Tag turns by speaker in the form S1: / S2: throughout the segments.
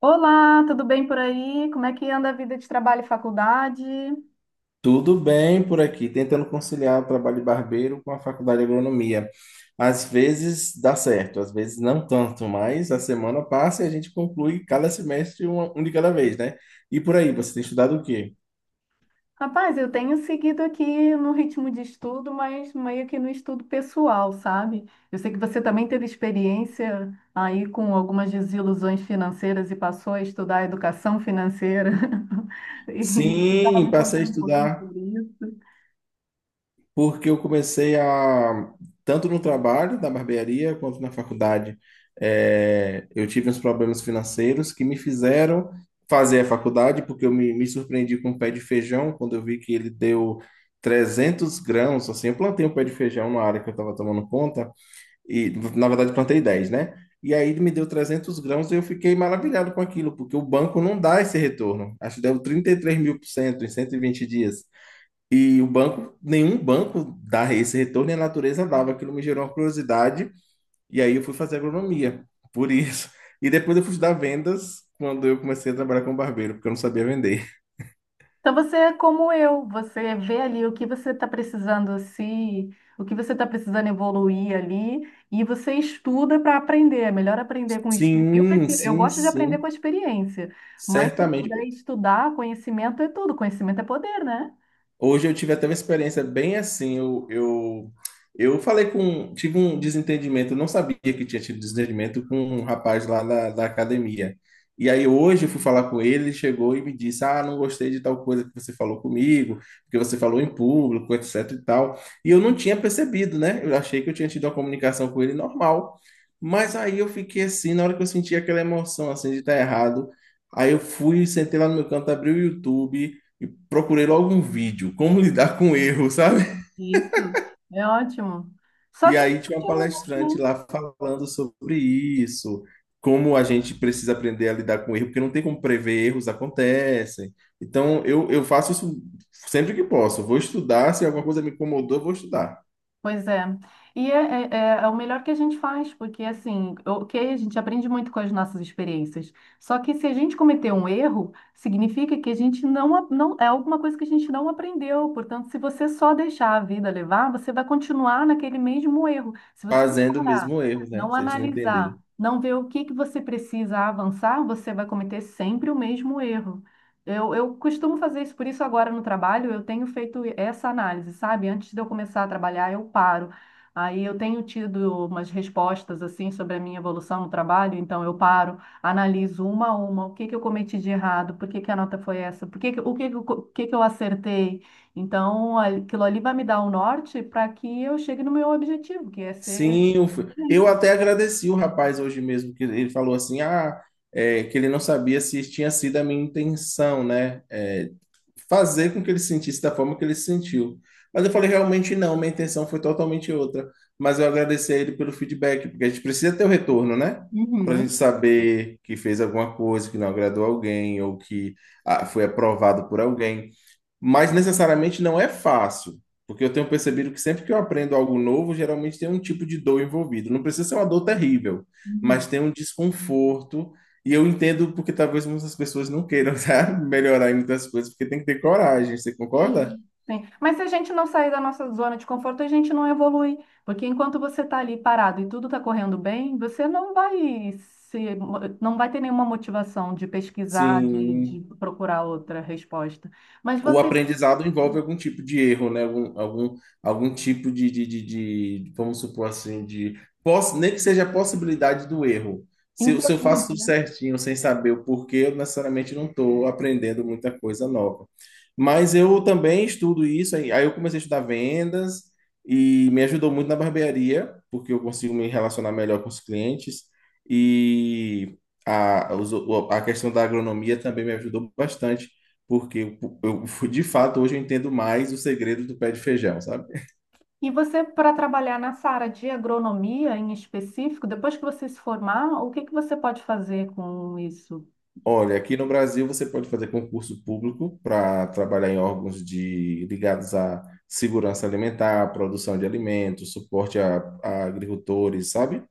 S1: Olá, tudo bem por aí? Como é que anda a vida de trabalho e faculdade?
S2: Tudo bem por aqui, tentando conciliar o trabalho de barbeiro com a faculdade de agronomia. Às vezes dá certo, às vezes não tanto, mas a semana passa e a gente conclui cada semestre um de cada vez, né? E por aí, você tem estudado o quê?
S1: Rapaz, eu tenho seguido aqui no ritmo de estudo, mas meio que no estudo pessoal, sabe? Eu sei que você também teve experiência aí com algumas desilusões financeiras e passou a estudar educação financeira. E você estava
S2: Sim,
S1: me
S2: passei a
S1: contando um pouquinho
S2: estudar,
S1: sobre isso.
S2: porque eu comecei a, tanto no trabalho da barbearia quanto na faculdade, eu tive uns problemas financeiros que me fizeram fazer a faculdade, porque eu me surpreendi com um pé de feijão. Quando eu vi que ele deu 300 grãos, assim, eu plantei um pé de feijão na área que eu estava tomando conta, e na verdade plantei 10, né? E aí ele me deu 300 grãos e eu fiquei maravilhado com aquilo, porque o banco não dá esse retorno. Acho que deu 33 mil por cento em 120 dias. E o banco, nenhum banco dá esse retorno, e a natureza dava. Aquilo me gerou uma curiosidade, e aí eu fui fazer agronomia, por isso. E depois eu fui estudar vendas quando eu comecei a trabalhar com barbeiro, porque eu não sabia vender.
S1: Então você é como eu, você vê ali o que você está precisando se, o que você está precisando evoluir ali e você estuda para aprender. É melhor aprender com estudo. Eu
S2: Sim,
S1: prefiro, eu
S2: sim,
S1: gosto de aprender com a
S2: sim,
S1: experiência, mas se eu puder
S2: certamente.
S1: estudar, conhecimento é tudo, conhecimento é poder, né?
S2: Hoje eu tive até uma experiência bem assim. Eu falei com. Tive um desentendimento, eu não sabia que tinha tido desentendimento com um rapaz lá da academia. E aí hoje eu fui falar com ele, ele chegou e me disse: "Ah, não gostei de tal coisa que você falou comigo, porque você falou em público, etc e tal." E eu não tinha percebido, né? Eu achei que eu tinha tido uma comunicação com ele normal. Mas aí eu fiquei assim, na hora que eu senti aquela emoção assim de estar errado. Aí eu fui, sentei lá no meu canto, abri o YouTube e procurei logo um vídeo, como lidar com erro, sabe?
S1: Isso, é ótimo. Só
S2: E
S1: assim que a
S2: aí tinha
S1: gente
S2: uma palestrante
S1: evolui, né?
S2: lá falando sobre isso, como a gente precisa aprender a lidar com erro, porque não tem como prever, erros acontecem. Então eu faço isso sempre que posso. Eu vou estudar, se alguma coisa me incomodou, eu vou estudar.
S1: Pois é. E é o melhor que a gente faz, porque assim, ok, a gente aprende muito com as nossas experiências. Só que se a gente cometer um erro, significa que a gente não, não é alguma coisa que a gente não aprendeu. Portanto, se você só deixar a vida levar, você vai continuar naquele mesmo erro. Se você não
S2: Fazendo o
S1: parar,
S2: mesmo erro, né?
S1: não
S2: Se a gente não entender.
S1: analisar, não ver o que que você precisa avançar, você vai cometer sempre o mesmo erro. Eu costumo fazer isso, por isso agora no trabalho eu tenho feito essa análise, sabe? Antes de eu começar a trabalhar, eu paro. Aí eu tenho tido umas respostas assim sobre a minha evolução no trabalho, então eu paro, analiso uma a uma, o que que eu cometi de errado, por que que a nota foi essa, por que que, o que que, eu co- o que que eu acertei. Então aquilo ali vai me dar o norte para que eu chegue no meu objetivo, que é ser
S2: Sim, eu, eu
S1: excelência.
S2: até agradeci o rapaz hoje mesmo, que ele falou assim, ah, é, que ele não sabia se tinha sido a minha intenção, né? É, fazer com que ele se sentisse da forma que ele se sentiu. Mas eu falei, realmente não, minha intenção foi totalmente outra. Mas eu agradeci a ele pelo feedback, porque a gente precisa ter o retorno, né? Para a gente
S1: Uhum.
S2: saber que fez alguma coisa que não agradou alguém ou que, ah, foi aprovado por alguém, mas necessariamente não é fácil, porque eu tenho percebido que sempre que eu aprendo algo novo, geralmente tem um tipo de dor envolvido. Não precisa ser uma dor terrível, mas
S1: Uhum.
S2: tem um desconforto, e eu entendo porque talvez muitas pessoas não queiram, sabe, melhorar em muitas coisas, porque tem que ter coragem, você concorda?
S1: Sim. Sim. Mas se a gente não sair da nossa zona de conforto, a gente não evolui. Porque enquanto você está ali parado e tudo está correndo bem, você não vai se, não vai ter nenhuma motivação de pesquisar, de
S2: Sim,
S1: procurar outra resposta. Mas
S2: o
S1: você,
S2: aprendizado envolve algum tipo de erro, né? Algum tipo de, vamos supor assim, de, nem que seja a possibilidade do erro. Se eu faço
S1: Inquietude,
S2: tudo
S1: né?
S2: certinho, sem saber o porquê, eu necessariamente não estou aprendendo muita coisa nova. Mas eu também estudo isso. Aí eu comecei a estudar vendas e me ajudou muito na barbearia, porque eu consigo me relacionar melhor com os clientes e a, a questão da agronomia também me ajudou bastante, porque de fato hoje eu entendo mais o segredo do pé de feijão, sabe?
S1: E você, para trabalhar nessa área de agronomia em específico, depois que você se formar, o que que você pode fazer com isso?
S2: Olha, aqui no Brasil você pode fazer concurso público para trabalhar em órgãos de, ligados à segurança alimentar, produção de alimentos, suporte a agricultores, sabe?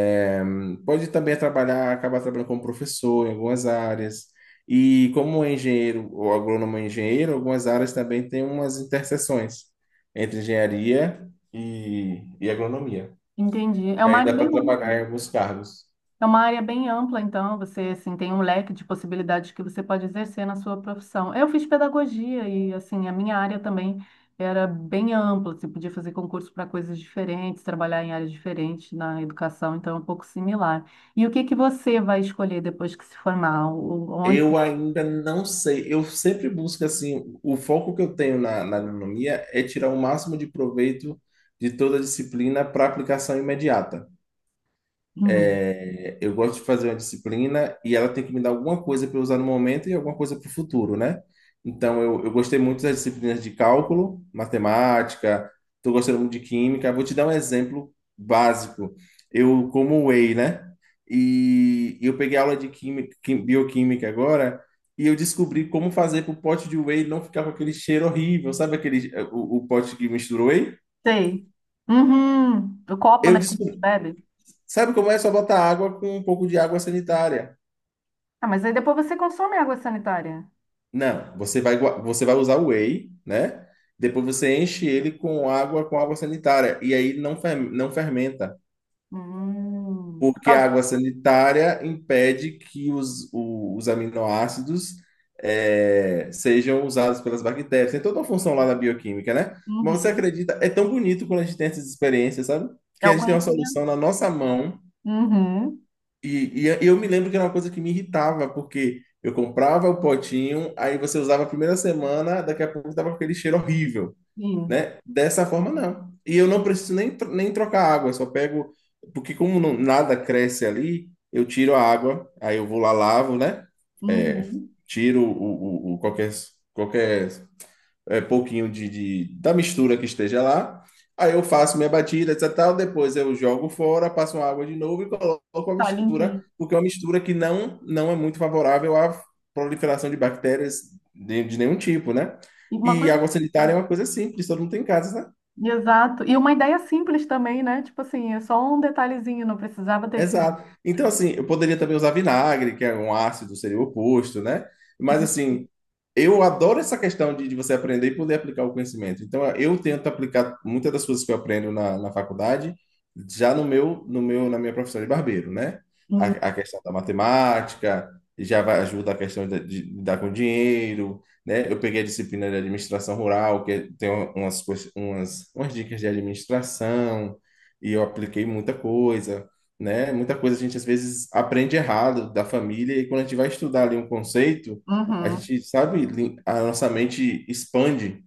S2: É, pode também trabalhar, acabar trabalhando como professor em algumas áreas. E como engenheiro, ou agrônomo é engenheiro, algumas áreas também têm umas interseções entre engenharia e agronomia.
S1: Entendi. É
S2: E
S1: uma
S2: aí
S1: área
S2: dá
S1: bem
S2: para
S1: ampla.
S2: trabalhar em alguns cargos.
S1: É uma área bem ampla, então você assim tem um leque de possibilidades que você pode exercer na sua profissão. Eu fiz pedagogia e assim a minha área também era bem ampla. Você podia fazer concurso para coisas diferentes, trabalhar em áreas diferentes na educação, então é um pouco similar. E o que que você vai escolher depois que se formar? Onde?
S2: Eu ainda não sei. Eu sempre busco assim, o foco que eu tenho na, na agronomia é tirar o máximo de proveito de toda a disciplina para aplicação imediata.
S1: Uhum.
S2: É, eu gosto de fazer uma disciplina e ela tem que me dar alguma coisa para eu usar no momento e alguma coisa para o futuro, né? Então, eu gostei muito das disciplinas de cálculo, matemática, estou gostando muito de química. Vou te dar um exemplo básico. Eu como whey, né? E eu peguei aula de química, bioquímica agora, e eu descobri como fazer para o pote de whey não ficar com aquele cheiro horrível. Sabe aquele, o pote que mistura whey?
S1: Sei. Uhum. O copo,
S2: Eu
S1: né, que a gente
S2: descobri.
S1: bebe.
S2: Sabe como é? É só botar água com um pouco de água sanitária.
S1: Ah, mas aí depois você consome água sanitária.
S2: Não, você vai, você vai usar o whey, né? Depois você enche ele com água sanitária. E aí não, não fermenta.
S1: Hum. Por
S2: Porque a
S1: causa...
S2: água sanitária impede que os aminoácidos sejam usados pelas bactérias. Tem toda uma função lá na bioquímica, né? Mas você
S1: Uhum.
S2: acredita? É tão bonito quando a gente tem essas experiências, sabe?
S1: É
S2: Que
S1: o
S2: a gente tem uma solução
S1: conhecimento.
S2: na nossa mão,
S1: Uhum.
S2: e eu me lembro que era uma coisa que me irritava, porque eu comprava o potinho, aí você usava a primeira semana, daqui a pouco tava com aquele cheiro horrível,
S1: Sim.
S2: né? Dessa forma, não. E eu não preciso nem, nem trocar água, eu só pego, porque como nada cresce ali, eu tiro a água, aí eu vou lá, lavo, né? É,
S1: Uhum.
S2: tiro o qualquer, qualquer, é, pouquinho de, da mistura que esteja lá. Aí eu faço minha batida, etc. e tal. Depois eu jogo fora, passo uma água de novo e coloco a
S1: Tá
S2: mistura,
S1: limpinho.
S2: porque é uma mistura que não, não é muito favorável à proliferação de bactérias de nenhum tipo, né?
S1: E uma
S2: E
S1: coisa
S2: água sanitária é
S1: simples.
S2: uma coisa simples, todo mundo tem em casa, né?
S1: Exato. E uma ideia simples também, né? Tipo assim, é só um detalhezinho, não precisava ter sido.
S2: Exato. Então, assim, eu poderia também usar vinagre, que é um ácido, seria o oposto, né? Mas, assim, eu adoro essa questão de você aprender e poder aplicar o conhecimento. Então, eu tento aplicar muitas das coisas que eu aprendo na, na faculdade já no na minha profissão de barbeiro, né?
S1: Uhum.
S2: A questão da matemática já vai, ajuda a questão de lidar com dinheiro, né? Eu peguei a disciplina de administração rural, que tem um, umas, umas, umas dicas de administração, e eu apliquei muita coisa, né? Muita coisa a gente às vezes aprende errado da família, e quando a gente vai estudar ali um conceito, a gente sabe, a nossa mente expande.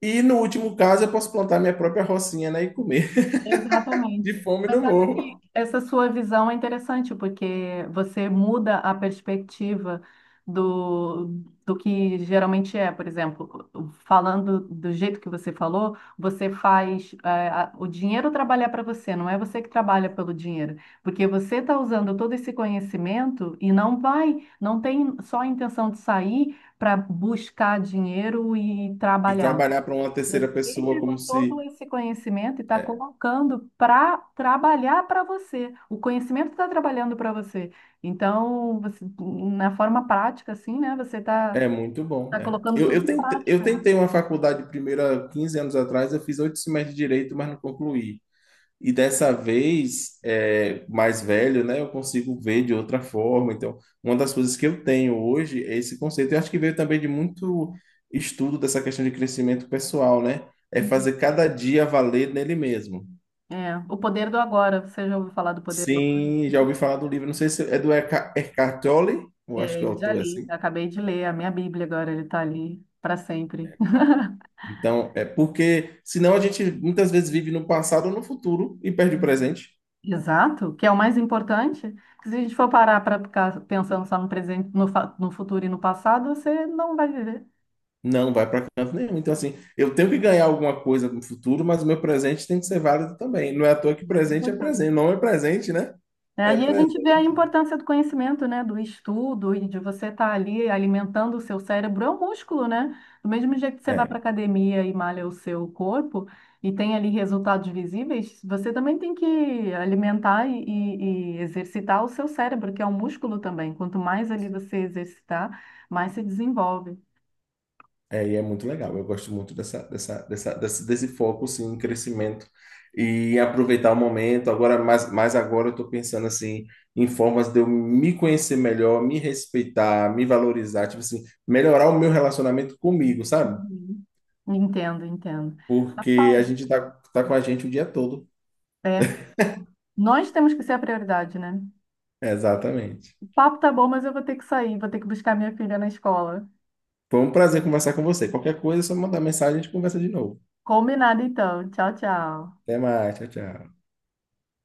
S2: E no último caso, eu posso plantar minha própria rocinha, né, e comer
S1: Exatamente.
S2: de fome no
S1: Mas sabe
S2: morro
S1: que essa sua visão é interessante, porque você muda a perspectiva do, do que geralmente é. Por exemplo, falando do jeito que você falou, você faz, o dinheiro trabalhar para você, não é você que trabalha pelo dinheiro. Porque você está usando todo esse conhecimento e não vai, não tem só a intenção de sair para buscar dinheiro e
S2: e
S1: trabalhar.
S2: trabalhar para uma terceira
S1: Você
S2: pessoa
S1: pegou
S2: como se
S1: todo esse conhecimento e está
S2: é,
S1: colocando para trabalhar para você. O conhecimento está trabalhando para você. Então, você, na forma prática, assim, né? Você está
S2: é muito bom,
S1: tá
S2: né?
S1: colocando
S2: Eu,
S1: tudo
S2: eu
S1: em
S2: tentei, eu
S1: prática.
S2: tentei uma faculdade primeiro há 15 anos atrás, eu fiz 8 semestres de direito, mas não concluí. E dessa vez, é, mais velho, né, eu consigo ver de outra forma. Então, uma das coisas que eu tenho hoje é esse conceito. Eu acho que veio também de muito estudo dessa questão de crescimento pessoal, né? É
S1: Uhum.
S2: fazer cada dia valer nele mesmo.
S1: É, o poder do agora. Você já ouviu falar do poder do agora?
S2: Sim, já ouvi falar do livro, não sei se é do Eckhart Tolle, eu acho
S1: É,
S2: que o
S1: eu já
S2: autor é
S1: li,
S2: assim.
S1: acabei de ler a minha Bíblia agora, ele está ali para sempre.
S2: Então, é porque senão a gente muitas vezes vive no passado ou no futuro e perde o presente.
S1: Exato, que é o mais importante. Que Se a gente for parar para ficar pensando só no presente, no futuro e no passado, você não vai viver.
S2: Não, vai para canto nenhum. Então, assim, eu tenho que ganhar alguma coisa no futuro, mas o meu presente tem que ser válido também. Não é à toa
S1: O
S2: que
S1: mais
S2: presente é presente.
S1: importante.
S2: Não é presente, né?
S1: É,
S2: É
S1: e a gente vê a
S2: presente.
S1: importância do conhecimento, né, do estudo e de você estar ali alimentando o seu cérebro, é um músculo, né? Do mesmo jeito que você vai para
S2: É,
S1: a academia e malha o seu corpo e tem ali resultados visíveis, você também tem que alimentar e exercitar o seu cérebro, que é um músculo também. Quanto mais ali você exercitar, mais se desenvolve.
S2: e é muito legal. Eu gosto muito desse foco, sim, em crescimento e aproveitar o momento. Agora, mais agora, eu estou pensando, assim, em formas de eu me conhecer melhor, me respeitar, me valorizar, tipo assim, melhorar o meu relacionamento comigo, sabe?
S1: Uhum. Entendo, entendo.
S2: Porque a
S1: Rapaz,
S2: gente tá com a gente o dia todo.
S1: é, nós temos que ser a prioridade, né?
S2: Exatamente.
S1: O papo tá bom, mas eu vou ter que sair, vou ter que buscar minha filha na escola.
S2: Foi um prazer conversar com você. Qualquer coisa, é só mandar mensagem e a gente conversa de novo.
S1: Combinado então. Tchau, tchau.
S2: Até mais, tchau, tchau.